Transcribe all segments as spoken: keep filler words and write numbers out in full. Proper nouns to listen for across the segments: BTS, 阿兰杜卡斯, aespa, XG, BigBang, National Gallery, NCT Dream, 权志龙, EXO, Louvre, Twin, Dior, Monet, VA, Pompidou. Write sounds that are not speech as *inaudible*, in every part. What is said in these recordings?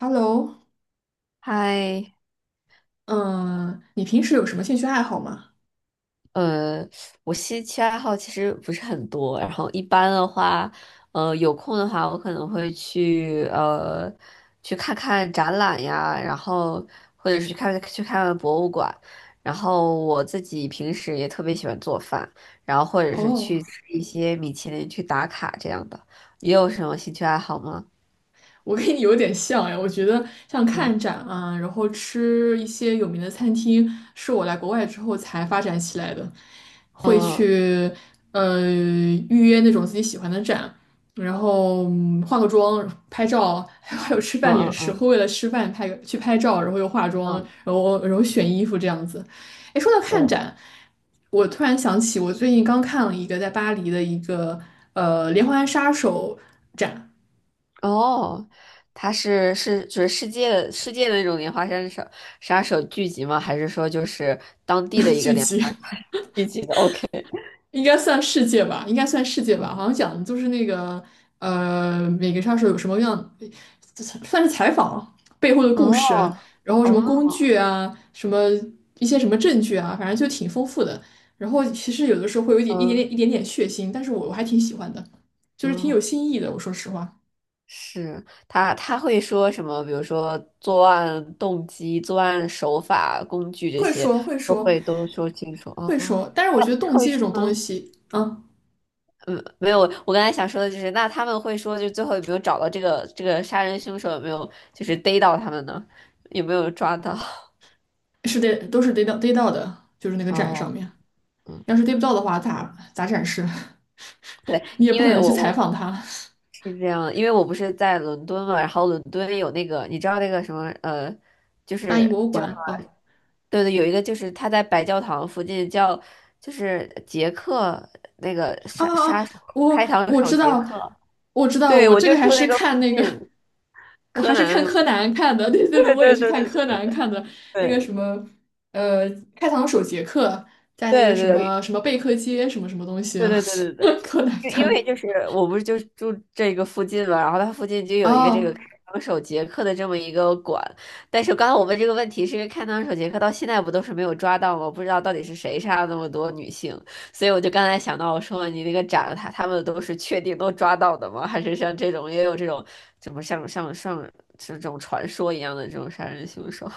Hello，嗨，嗯、你平时有什么兴趣爱好吗？呃，我兴趣爱好其实不是很多，然后一般的话，呃，有空的话，我可能会去呃去看看展览呀，然后或者是去看去看看博物馆，然后我自己平时也特别喜欢做饭，然后或者是哦，去吃一些米其林去打卡这样的。你有什么兴趣爱好吗？我跟你有点像哎，我觉得像看嗯展啊，然后吃一些有名的餐厅，是我来国外之后才发展起来的。会嗯去呃预约那种自己喜欢的展，然后嗯化个妆、拍照，*laughs* 还有还有吃嗯饭也嗯是嗯会为了吃饭拍个去拍照，然后又化妆，嗯，然后然后选衣服这样子。哎，说到看对。展，我突然想起我最近刚看了一个在巴黎的一个呃连环杀手展 哦，他是是就是世界的世界的那种连环杀手杀手聚集吗？还是说就是当地的 *laughs* 一个剧连集。花聚集的 *laughs*？OK，应该算世界吧，应该算世界吧。好像讲的就是那个呃，每个杀手有什么样，算是采访背后的哦故事，然后什么哦，工具啊，什么一些什么证据啊，反正就挺丰富的。然后其实有的时候会有一点一点嗯点一点点血腥，但是我我还挺喜欢的，就是挺有嗯，新意的。我说实话，是他他会说什么？比如说作案动机、作案手法、工具这会些说会都说会都说清楚哦。会说，但是我觉得他动会机这种东说，西，啊，嗯，没有，我刚才想说的就是，那他们会说，就最后有没有找到这个这个杀人凶手，有没有就是逮到他们呢？有没有抓到？*laughs* 是得都是得到得到的，就是那个展上哦，面。嗯，要是对不到的话，咋咋展示？对，*laughs* 你也因不可为能去我采我访他。是这样，因为我不是在伦敦嘛，然后伦敦有那个，你知道那个什么呃，就大是英博物叫什馆，哦，么？对对，有一个就是他在白教堂附近叫，就是杰克那个哦杀哦，哦，杀手开我膛我手知杰道，克，我知道，对，我我这就个还住是那个附看近，那个，我柯还是南，看柯南看的，对 *laughs* 对对，对我也对是对看对对柯对南对。看的，那个对什么，呃，开膛手杰克在那个对什对么对什么贝克街什么什么东西对啊，对对对对，*laughs* 柯南因因看的，为就是我不是就住这个附近嘛，然后它附近就有一个这个哦。开膛手杰克的这么一个馆，但是刚才我问这个问题，是因为开膛手杰克到现在不都是没有抓到吗？不知道到底是谁杀了那么多女性，所以我就刚才想到，我说你那个展，他他们都是确定都抓到的吗？还是像这种也有这种怎么像像像这种传说一样的这种杀人凶手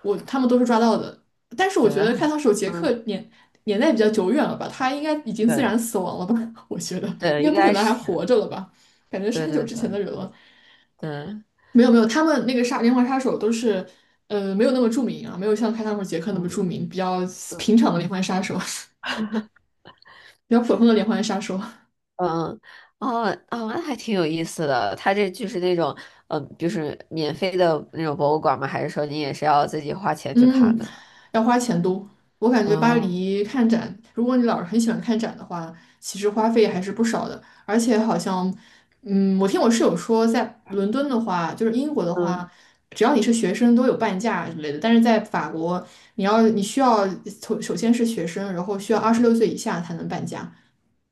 我他们都是抓到的。但是 *laughs*？我对觉的，得开膛手杰克嗯，年年代比较久远了吧，他应该已经自对然死亡了吧？*laughs* 我觉得应对，该应不可该能还是，活着了吧？感觉是对很久对之对前的人了。对，没有没有，他们那个杀连环杀手都是，呃，没有那么著名啊，没有像开膛手杰克那么著嗯。名，比较嗯平常的连环杀手，*laughs* 比较普通的连环杀手。嗯，哦，哦，那还挺有意思的。它这就是那种，嗯，就是免费的那种博物馆吗？还是说你也是要自己花钱去看嗯，的呢？要花钱多。我感觉巴哦，黎看展，如果你老是很喜欢看展的话，其实花费还是不少的。而且好像，嗯，我听我室友说，在伦敦的话，就是英国的嗯，话，只要你是学生都有半价之类的。但是在法国，你要你需要首首先是学生，然后需要二十六岁以下才能半价。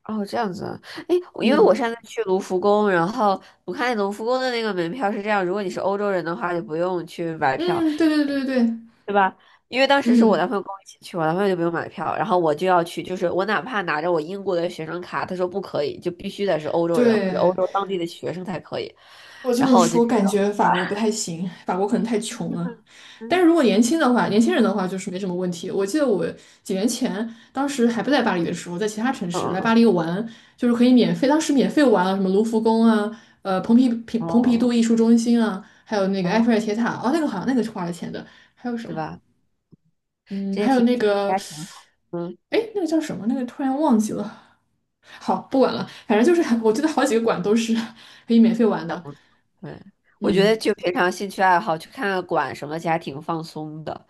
哦，这样子啊。哎，我因为我嗯上次去卢浮宫，然后我看卢浮宫的那个门票是这样，如果你是欧洲人的话，就不用去买票，嗯，对对对对对，对吧？因为当时是我男嗯，朋友跟我一起去，我男朋友就不用买票，然后我就要去，就是我哪怕拿着我英国的学生卡，他说不可以，就必须得是欧洲人或者欧对。洲当地的学生才可以。我就然是后我就说，觉感觉得。法国不太行，法国可能太穷了。但嗯是如果年轻的话，年轻人的话就是没什么问题。我记得我几年前，当时还不在巴黎的时候，在其他城嗯市来巴嗯，黎玩，就是可以免费，当时免费玩了什么卢浮宫啊，呃，蓬皮蓬蓬皮杜哦艺术中心啊，还有那个埃哦，菲尔铁塔，哦，那个好像那个是花了钱的，还有什是么？吧？嗯，这些还有题那目个，还挺好。嗯，哎，那个叫什么？那个突然忘记了。好，不管了，反正就是我记得好几个馆都是 *laughs* 可以免费玩还的。不错。对，我觉嗯。得就平常兴趣爱好去看看馆什么，其实还挺放松的。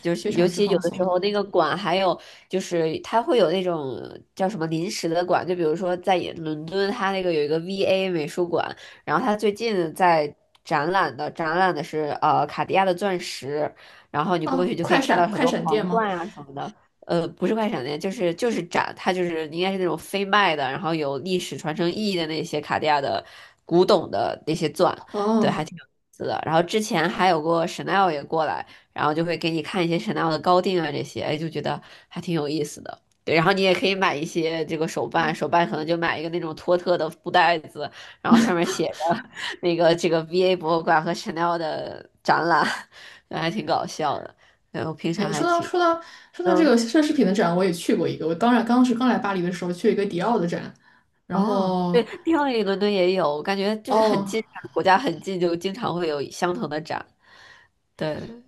就是非常尤之其有放的时松。候那个馆还有就是它会有那种叫什么临时的馆，就比如说在伦敦，它那个有一个 V A 美术馆，然后它最近在展览的展览的是呃卡地亚的钻石，然后你过去啊！就可快以看到闪很快多闪店皇吗？冠啊什么的，呃，不是快闪店，就是就是展，它就是应该是那种非卖的，然后有历史传承意义的那些卡地亚的古董的那些钻，对，哦，还挺有意思的。然后之前还有过 Chanel 也过来，然后就会给你看一些 Chanel 的高定啊这些，哎，就觉得还挺有意思的。对，然后你也可以买一些这个手办，手办可能就买一个那种托特的布袋子，然后上面写着那个这个 V A 博物馆和 Chanel 的展览，*laughs* 对还挺搞笑的。然后平常哎，还说到挺。说到说到这嗯，个奢侈品的展，我也去过一个。我当然当时刚来巴黎的时候去了一个迪奥的展，然哦，对，后迪奥里伦敦也有，我感觉就是很哦，近，国家很近，就经常会有相同的展。对，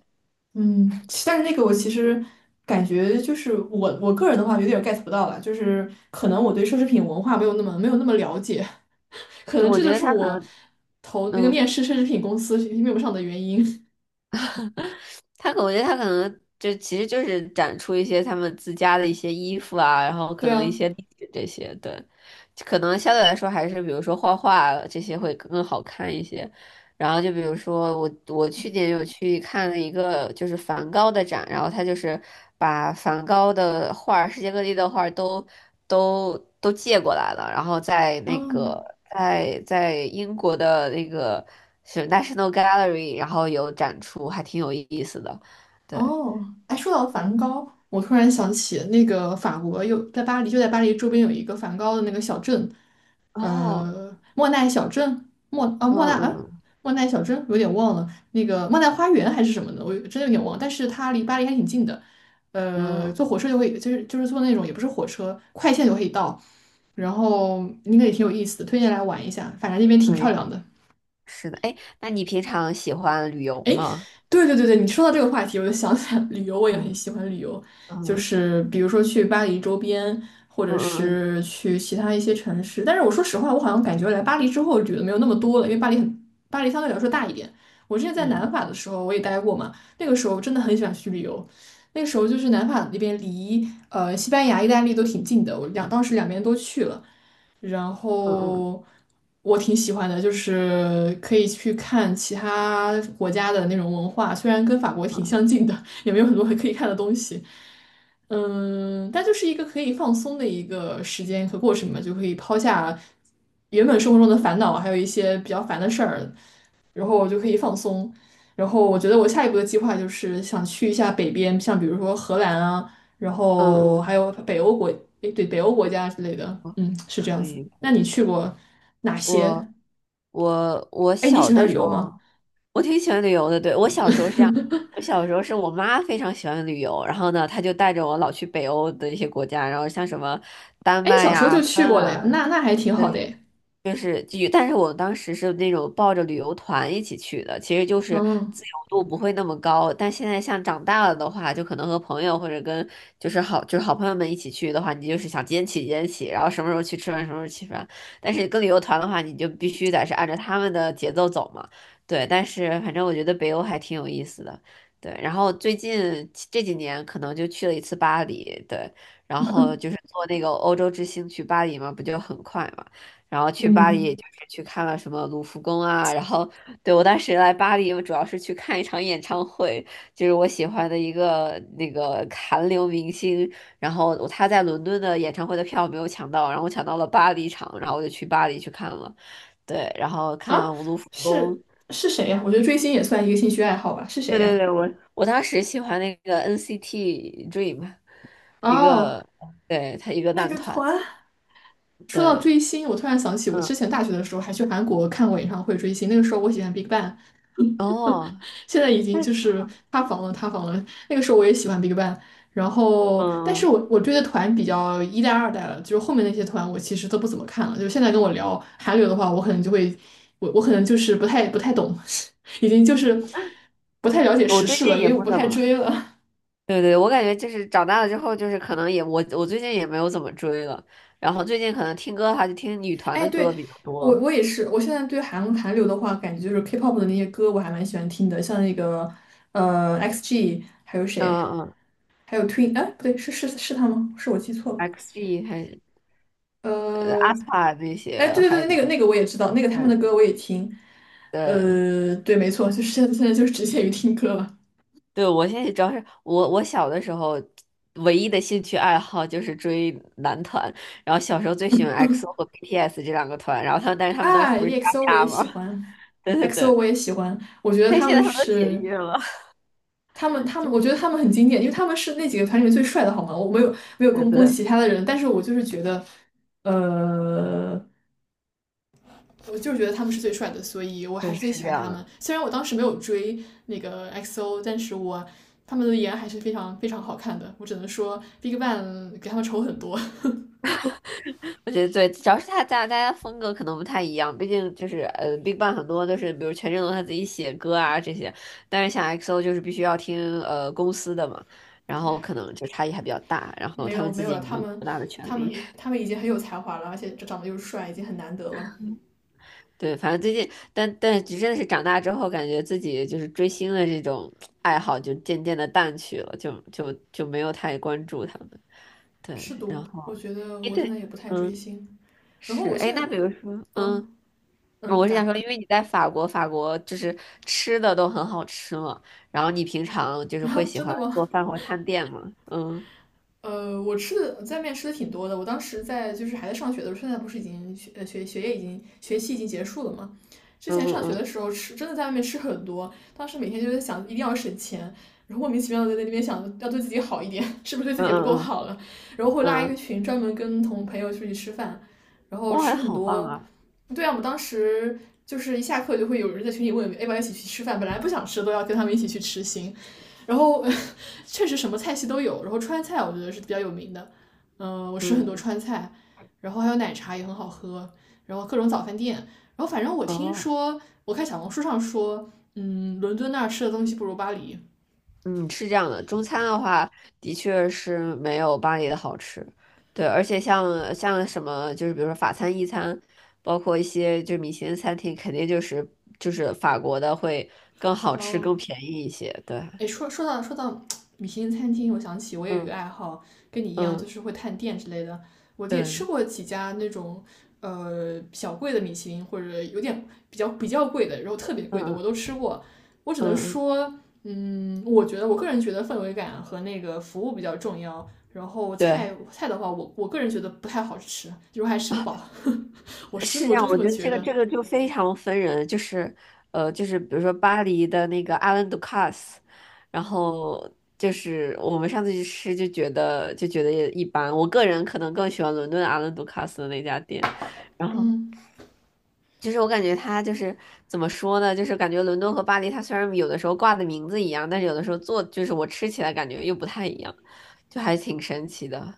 嗯，其但是那个我其实感觉就是我我个人的话有点 get 不到了，就是可能我对奢侈品文化没有那么没有那么了解，*laughs* 可对，能我这觉就得是它我很，投那个嗯。面试奢侈品公司面不上的原因。*laughs* 他可我觉得他可能就其实就是展出一些他们自家的一些衣服啊，然后可对能一啊，些历史这些，对，可能相对来说还是比如说画画这些会更好看一些。然后就比如说我我去年有去看了一个就是梵高的展，然后他就是把梵高的画儿世界各地的画儿都都都借过来了，然后在那个嗯。在在英国的那个。是 National Gallery，然后有展出，还挺有意思的。对，哦，哎，说到梵高，我突然想起那个法国有在巴黎，就在巴黎周边有一个梵高的那个小镇，哦，呃，莫奈小镇，莫啊嗯莫奈啊嗯莫奈小镇，有点忘了，那个莫奈花园还是什么的，我有真的有点忘，但是它离巴黎还挺近的，呃，嗯，坐火车就会，就是就是坐那种也不是火车，快线就可以到，然后应该也挺有意思的，推荐来玩一下，反正那边挺可以漂可亮以，的。是的。哎，那你平常喜欢旅游吗？对对对对，你说到这个话题，我就想起来旅游，我也很嗯喜欢旅游，就嗯是比如说去巴黎周边，或者嗯嗯是去其他一些城市。但是我说实话，我好像感觉来巴黎之后旅的没有那么多了，因为巴黎很，巴黎相对来说大一点。我之前在嗯南法的时候我也待过嘛，那个时候真的很喜欢去旅游。那个时候就是南法那边离呃西班牙、意大利都挺近的，我两当时两边都去了。然嗯嗯后我挺喜欢的，就是可以去看其他国家的那种文化，虽然跟法国挺相近的，也没有很多可以看的东西。嗯，但就是一个可以放松的一个时间和过程嘛，就可以抛下原本生活中的烦恼，还有一些比较烦的事儿，然后我就可以放松。然后我觉得我下一步的计划就是想去一下北边，像比如说荷兰啊。然嗯后还嗯，有北欧国，诶，对，北欧国家之类的，嗯嗯，是这样可子。以可那以。你去过哪些？我我我哎，你小喜的欢旅时游吗？候，我挺喜欢旅游的。对，我小时候是这样，*laughs* 我小时候是我妈非常喜欢旅游，然后呢，她就带着我老去北欧的一些国家，然后像什么丹哎，你麦小时候呀、就芬去过了呀，兰。那那还挺好的诶。就是就有，但是我当时是那种抱着旅游团一起去的，其实就是嗯自由度不会那么高。但现在像长大了的话，就可能和朋友或者跟就是好就是好朋友们一起去的话，你就是想几点起几点起，然后什么时候去吃饭什么时候去吃饭。但是跟旅游团的话，你就必须得是按照他们的节奏走嘛。对，但是反正我觉得北欧还挺有意思的。对，然后最近这几年可能就去了一次巴黎，对，然后就是坐那个欧洲之星去巴黎嘛，不就很快嘛。然后去巴黎也嗯，就是去看了什么卢浮宫啊，然后对我当时来巴黎，我主要是去看一场演唱会，就是我喜欢的一个那个韩流明星，然后他在伦敦的演唱会的票没有抢到，然后我抢到了巴黎场，然后我就去巴黎去看了，对，然后看了啊，卢浮宫，是，是谁呀？我觉得追星也算一个兴趣爱好吧。是谁对呀？对对，我我当时喜欢那个 N C T Dream，一哦，个对他一个那男个团，团。说到对，追星，我突然想起我之嗯，前大学的时候还去韩国看过演唱会追星，那个时候我喜欢 BigBang,哦，现在已经就那是塌房了，塌房了。那个时候我也喜欢 BigBang,然后但是嗯。我我追的团比较一代、二代了，就是后面那些团我其实都不怎么看了。就是现在跟我聊韩流的话，我可能就会，我我可能就是不太不太懂，*laughs* 已经就是不太了解我时最事了，近因也为我不不怎太么。追了。对对，我感觉就是长大了之后，就是可能也我我最近也没有怎么追了，然后最近可能听歌的话，就听女 *laughs* 团哎，的歌对。比较多，我我也是，我现在对韩韩流的话，感觉就是 K-pop 的那些歌我还蛮喜欢听的，像那个呃 X G,还有嗯谁，嗯还有 Twin,哎，不对，是是是他吗？是我记错了。，X G 还 呃，aespa 那些哎，对对还对，那个那个我也知道，那个他们的嗯歌我也听。对呃，对，没错，就是现在现在就是只限于听歌了。对，我现在主要是我我小的时候唯一的兴趣爱好就是追男团，然后小时候最喜欢 X O 和 B T S 这两个团，然后他们但是他们当时啊不是掐，EXO 我也架吗？喜欢 *laughs* 对对，X O 对，我也喜欢，我觉得但他现们在他们都解是约了，*laughs* 他们他们，就我觉得他们很经典，因为他们是那几个团里面最帅的，好吗？我没有没有对攻攻击对其他的人，但是我就是觉得，呃，我就是觉得他们是最帅的，所以我还是对，最是喜这欢样他们。的。虽然我当时没有追那个 X O,但是我他们的颜还是非常非常好看的。我只能说 BigBang 给他们丑很多，我觉得对，主要是他大大家风格可能不太一样，毕竟就是呃，BigBang 很多都是比如权志龙他自己写歌啊这些，但是像 X O 就是必须要听呃公司的嘛，然后可能就差异还比较大，然 *laughs* 后没他有们没自有己了，也没他有多们大的权他利。们 *laughs* 他们已经很有才华了，而且长得又帅，已经很难得了。对，反正最近，但但真的是长大之后，感觉自己就是追星的这种爱好就渐渐的淡去了，就就就没有太关注他们。对，是的，然我后觉得哎我现对，在也不太追嗯星。然后是我哎，现那在，比如说嗯。嗯嗯，我是想说，咋？因为你在法国，法国就是吃的都很好吃嘛，然后你平常就 *laughs* 是然会后喜真欢的吗？做饭或探店吗？嗯呃，我吃的在外面吃的挺多的。我当时在就是还在上学的时候，现在不是已经学呃学学业已经学期已经结束了嘛？之嗯前上学的嗯时候吃真的在外面吃很多，当时每天就在想一定要省钱，然后莫名其妙的在那边想要对自己好一点，*laughs* 是不是对自嗯己不够嗯嗯好了？然后会拉嗯，一个嗯群专门跟同朋友出去吃饭，然后吃哇，很好棒多。啊！对啊，我们当时就是一下课就会有人在群里问，要不要一起去吃饭？本来不想吃，都要跟他们一起去吃行。然后 *laughs* 确实什么菜系都有，然后川菜我觉得是比较有名的，嗯、呃我吃很多嗯川菜，然后还有奶茶也很好喝，然后各种早饭店，然后反正我听哦，说，我看小红书上说，嗯，伦敦那儿吃的东西不如巴黎。嗯，是这样的，中餐的话的确是没有巴黎的好吃，对，而且像像什么就是比如说法餐、意餐，包括一些就是米其林餐厅，肯定就是就是法国的会更好吃、哦，更便宜一些，对，哎，说说到说到米其林餐厅，我想起我也有一个嗯爱好，跟你一样，就嗯是会探店之类的。我也吃对。过几家那种呃小贵的米其林，或者有点比较比较贵的，然后特别嗯贵的，我嗯都吃过。我只能嗯，说，我觉得我个人觉得氛围感和那个服务比较重要。然后菜对，菜的话，我我个人觉得不太好吃，就是还吃不饱。*laughs* 我是真是这我样。真这我么觉得这觉个得。这个就非常分人，就是呃，就是比如说巴黎的那个阿兰杜卡斯，然后就是我们上次去吃就觉得就觉得也一般。我个人可能更喜欢伦敦阿兰杜卡斯的那家店，然后。就是我感觉它就是怎么说呢，就是感觉伦敦和巴黎，它虽然有的时候挂的名字一样，但是有的时候做就是我吃起来感觉又不太一样，就还挺神奇的。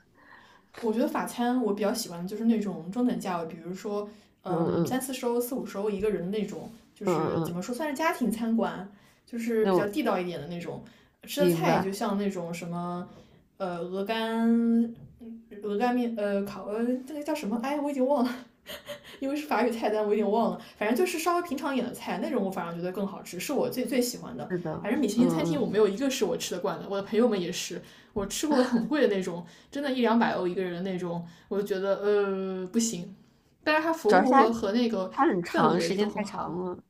我觉得法餐我比较喜欢的就是那种中等价位，比如说嗯嗯三嗯四十欧、四五十欧一个人的那种，就嗯是嗯怎嗯，么说算是家庭餐馆，就是那比较我地道一点的那种。吃的明菜就白。像那种什么呃鹅肝、鹅肝面、呃烤呃这个叫什么？哎，我已经忘了。因为是法语菜单，我有点忘了，反正就是稍微平常一点的菜，那种我反而觉得更好吃，是我最最喜欢的。是的，反正米其嗯林餐厅我嗯，没有一个是我吃得惯的，我的朋友们也是，我吃过很贵的那种，真的一两百欧一个人的那种，我就觉得呃不行。但是它服主要是务它和和那个它很氛长，时围都间很太长好，了。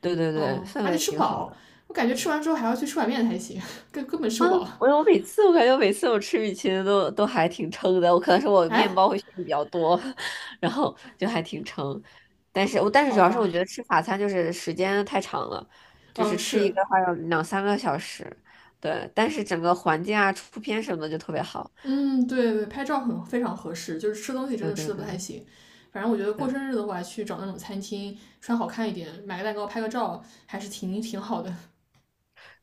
对对对，嗯，氛而且围吃挺好饱，的我感觉吃完之后还要去吃碗面才行，*laughs* 根根本吃啊！不饱。我我每次我感觉我每次我吃米其林都都还挺撑的，我可能是我哎，面包会吃的比较多，*laughs* 然后就还挺撑。但是我但是主好要是我吧，觉得吃法餐就是时间太长了，就嗯，是吃一是个话要两三个小时。对，但是整个环境啊、出片什么的就特别好。嗯，对对，拍照很非常合适，就是吃东西真对的吃对的不对太行。反正我觉得过对。生日的话，去找那种餐厅，穿好看一点，买个蛋糕，拍个照，还是挺挺好的。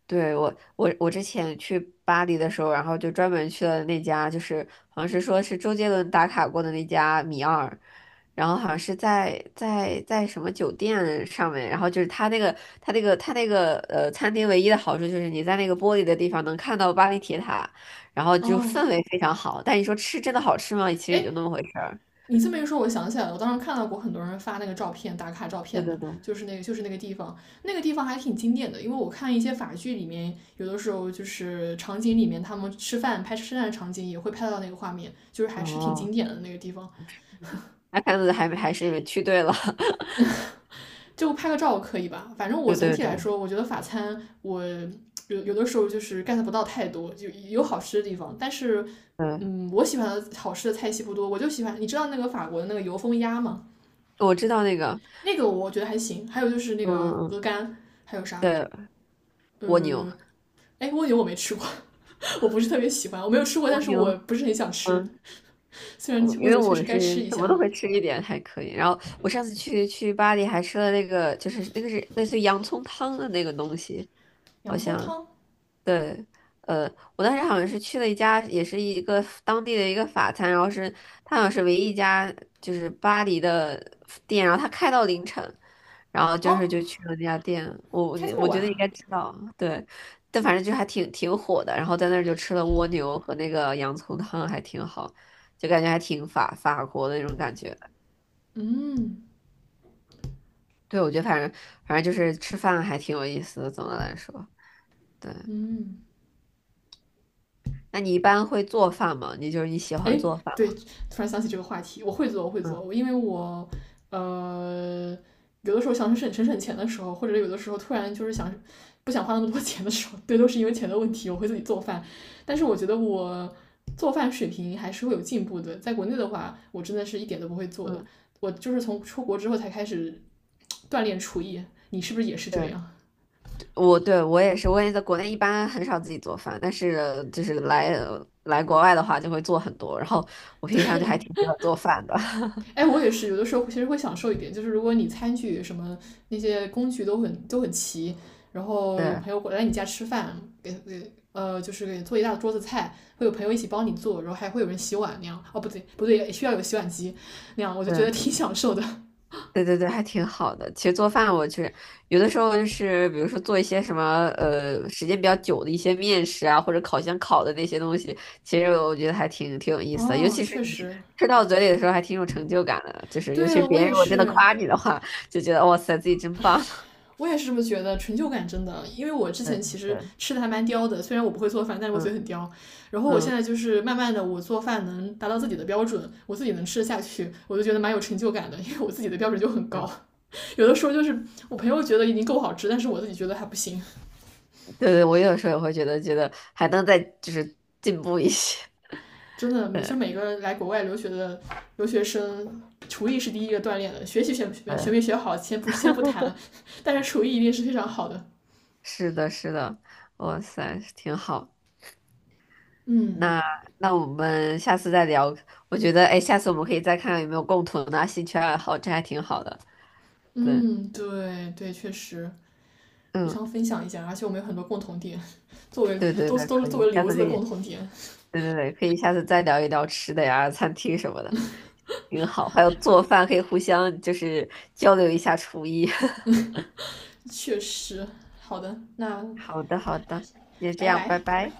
对，我，我我之前去巴黎的时候，然后就专门去了那家，就是好像是说是周杰伦打卡过的那家米二，然后好像是在在在什么酒店上面，然后就是他那个他那个他那个呃餐厅唯一的好处就是你在那个玻璃的地方能看到巴黎铁塔，然后就哦，氛围非常好。但你说吃真的好吃吗？其 *laughs* 实也哎，就那么回事儿。你这么一说，我想起来了，我当时看到过很多人发那个照片，打卡照对片对的，对，就是那个就是那个地方，那个地方还挺经典的，因为我看一些法剧里面，有的时候就是场景里面他们吃饭拍吃饭的场景也会拍到那个画面，就是还是挺哦，经典的那个地方。那看来还还是你们去对了。*laughs* 就拍个照可以吧？反正我对总对体来对，说，我觉得法餐我有有的时候就是 get 不到太多，就有好吃的地方，但是对，嗯嗯，我喜欢的好吃的菜系不多，我就喜欢你知道那个法国的那个油封鸭吗？我知道那个那个我觉得还行，还有就是那嗯个嗯鹅嗯。肝，还有啥？蜗嗯，牛。呃哎，蜗牛我没吃过，*laughs* 我不是特别喜欢，我没有吃过，蜗但是牛，我不是很想吃。嗯，虽然我因蜗为牛确实我该吃是一什么下。都会吃一点，还可以。然后我上次去去巴黎还吃了那个，就是那个是类似于洋葱汤的那个东西，好洋葱像。汤对，呃，我当时好像是去了一家，也是一个当地的一个法餐，然后是它好像是唯一一家就是巴黎的店，然后它开到凌晨，然后就是哦，就去了那家店，我我开这么我觉晚得应该啊？知道，对，但反正就还挺挺火的，然后在那儿就吃了蜗牛和那个洋葱汤，还挺好，就感觉还挺法法国的那种感觉。嗯，对，我觉得反正反正就是吃饭还挺有意思的，总的来说，对。那你一般会做饭吗？你就是你喜欢哎，做饭吗？突然想起这个话题，我会做，我会嗯做，我因为我呃有的时候想省省省钱的时候，或者有的时候突然就是想不想花那么多钱的时候，对，都是因为钱的问题，我会自己做饭。但是我觉得我做饭水平还是会有进步的，在国内的话，我真的是一点都不会做的。嗯，我就是从出国之后才开始锻炼厨艺，你是不是也是这对，样？我对我也是，我也在国内一般很少自己做饭，但是就是来来国外的话就会做很多，然后我 *laughs* 对，平常就还挺喜欢做饭的，哎，我也是，有的时候其实会享受一点，就是如果你餐具什么那些工具都很都很齐，然 *laughs* 后有对朋友来你家吃饭，给给呃就是给做一大桌子菜，会有朋友一起帮你做，然后还会有人洗碗那样。哦，不对不对，需要有洗碗机那样，我就觉得对挺享受的。对对对，还挺好的。其实做饭我去有的时候就是比如说做一些什么呃时间比较久的一些面食啊，或者烤箱烤的那些东西，其实我觉得还挺挺有 *laughs* 意思的，尤哦，其是确你实，吃到嘴里的时候还挺有成就感的，就是尤其对是我别人也如果真的是。夸你的话，就觉得哇塞自己真棒，我也是这么觉得，成就感真的，因为我之 *laughs* 对对前其实对，吃的还蛮刁的，虽然我不会做饭，但是我嘴嗯很刁。然后我现嗯。在就是慢慢的，我做饭能达到自己的标准，我自己能吃得下去，我就觉得蛮有成就感的，因为我自己的标准就很是高。吧 有的时候就是我朋友觉得已经够好吃，但是我自己觉得还不行。*laughs* 对对，我有时候也会觉得，觉得还能再就是进步一些。真的，*laughs* 每对就每个来国外留学的留学生，厨艺是第一个锻炼的，学习学没对，学没学好，先不先不谈，*laughs* 但是厨艺一定是非常好的。是的，是的，哇塞，挺好。那那我们下次再聊。我觉得，哎，下次我们可以再看看有没有共同的兴趣爱好，这还挺好的。对，嗯，对对，确实。互嗯，相分享一下，而且我们有很多共同点，*laughs* 作为对对都是对，都是可作以，为下留次子可的以，共同点，对对对，可以下次再聊一聊吃的呀、餐厅什么的，挺好。还有做饭，可以互相就是交流一下厨艺。*laughs* 确实。好的，那好的，好的，那就这拜样，拜拜。拜。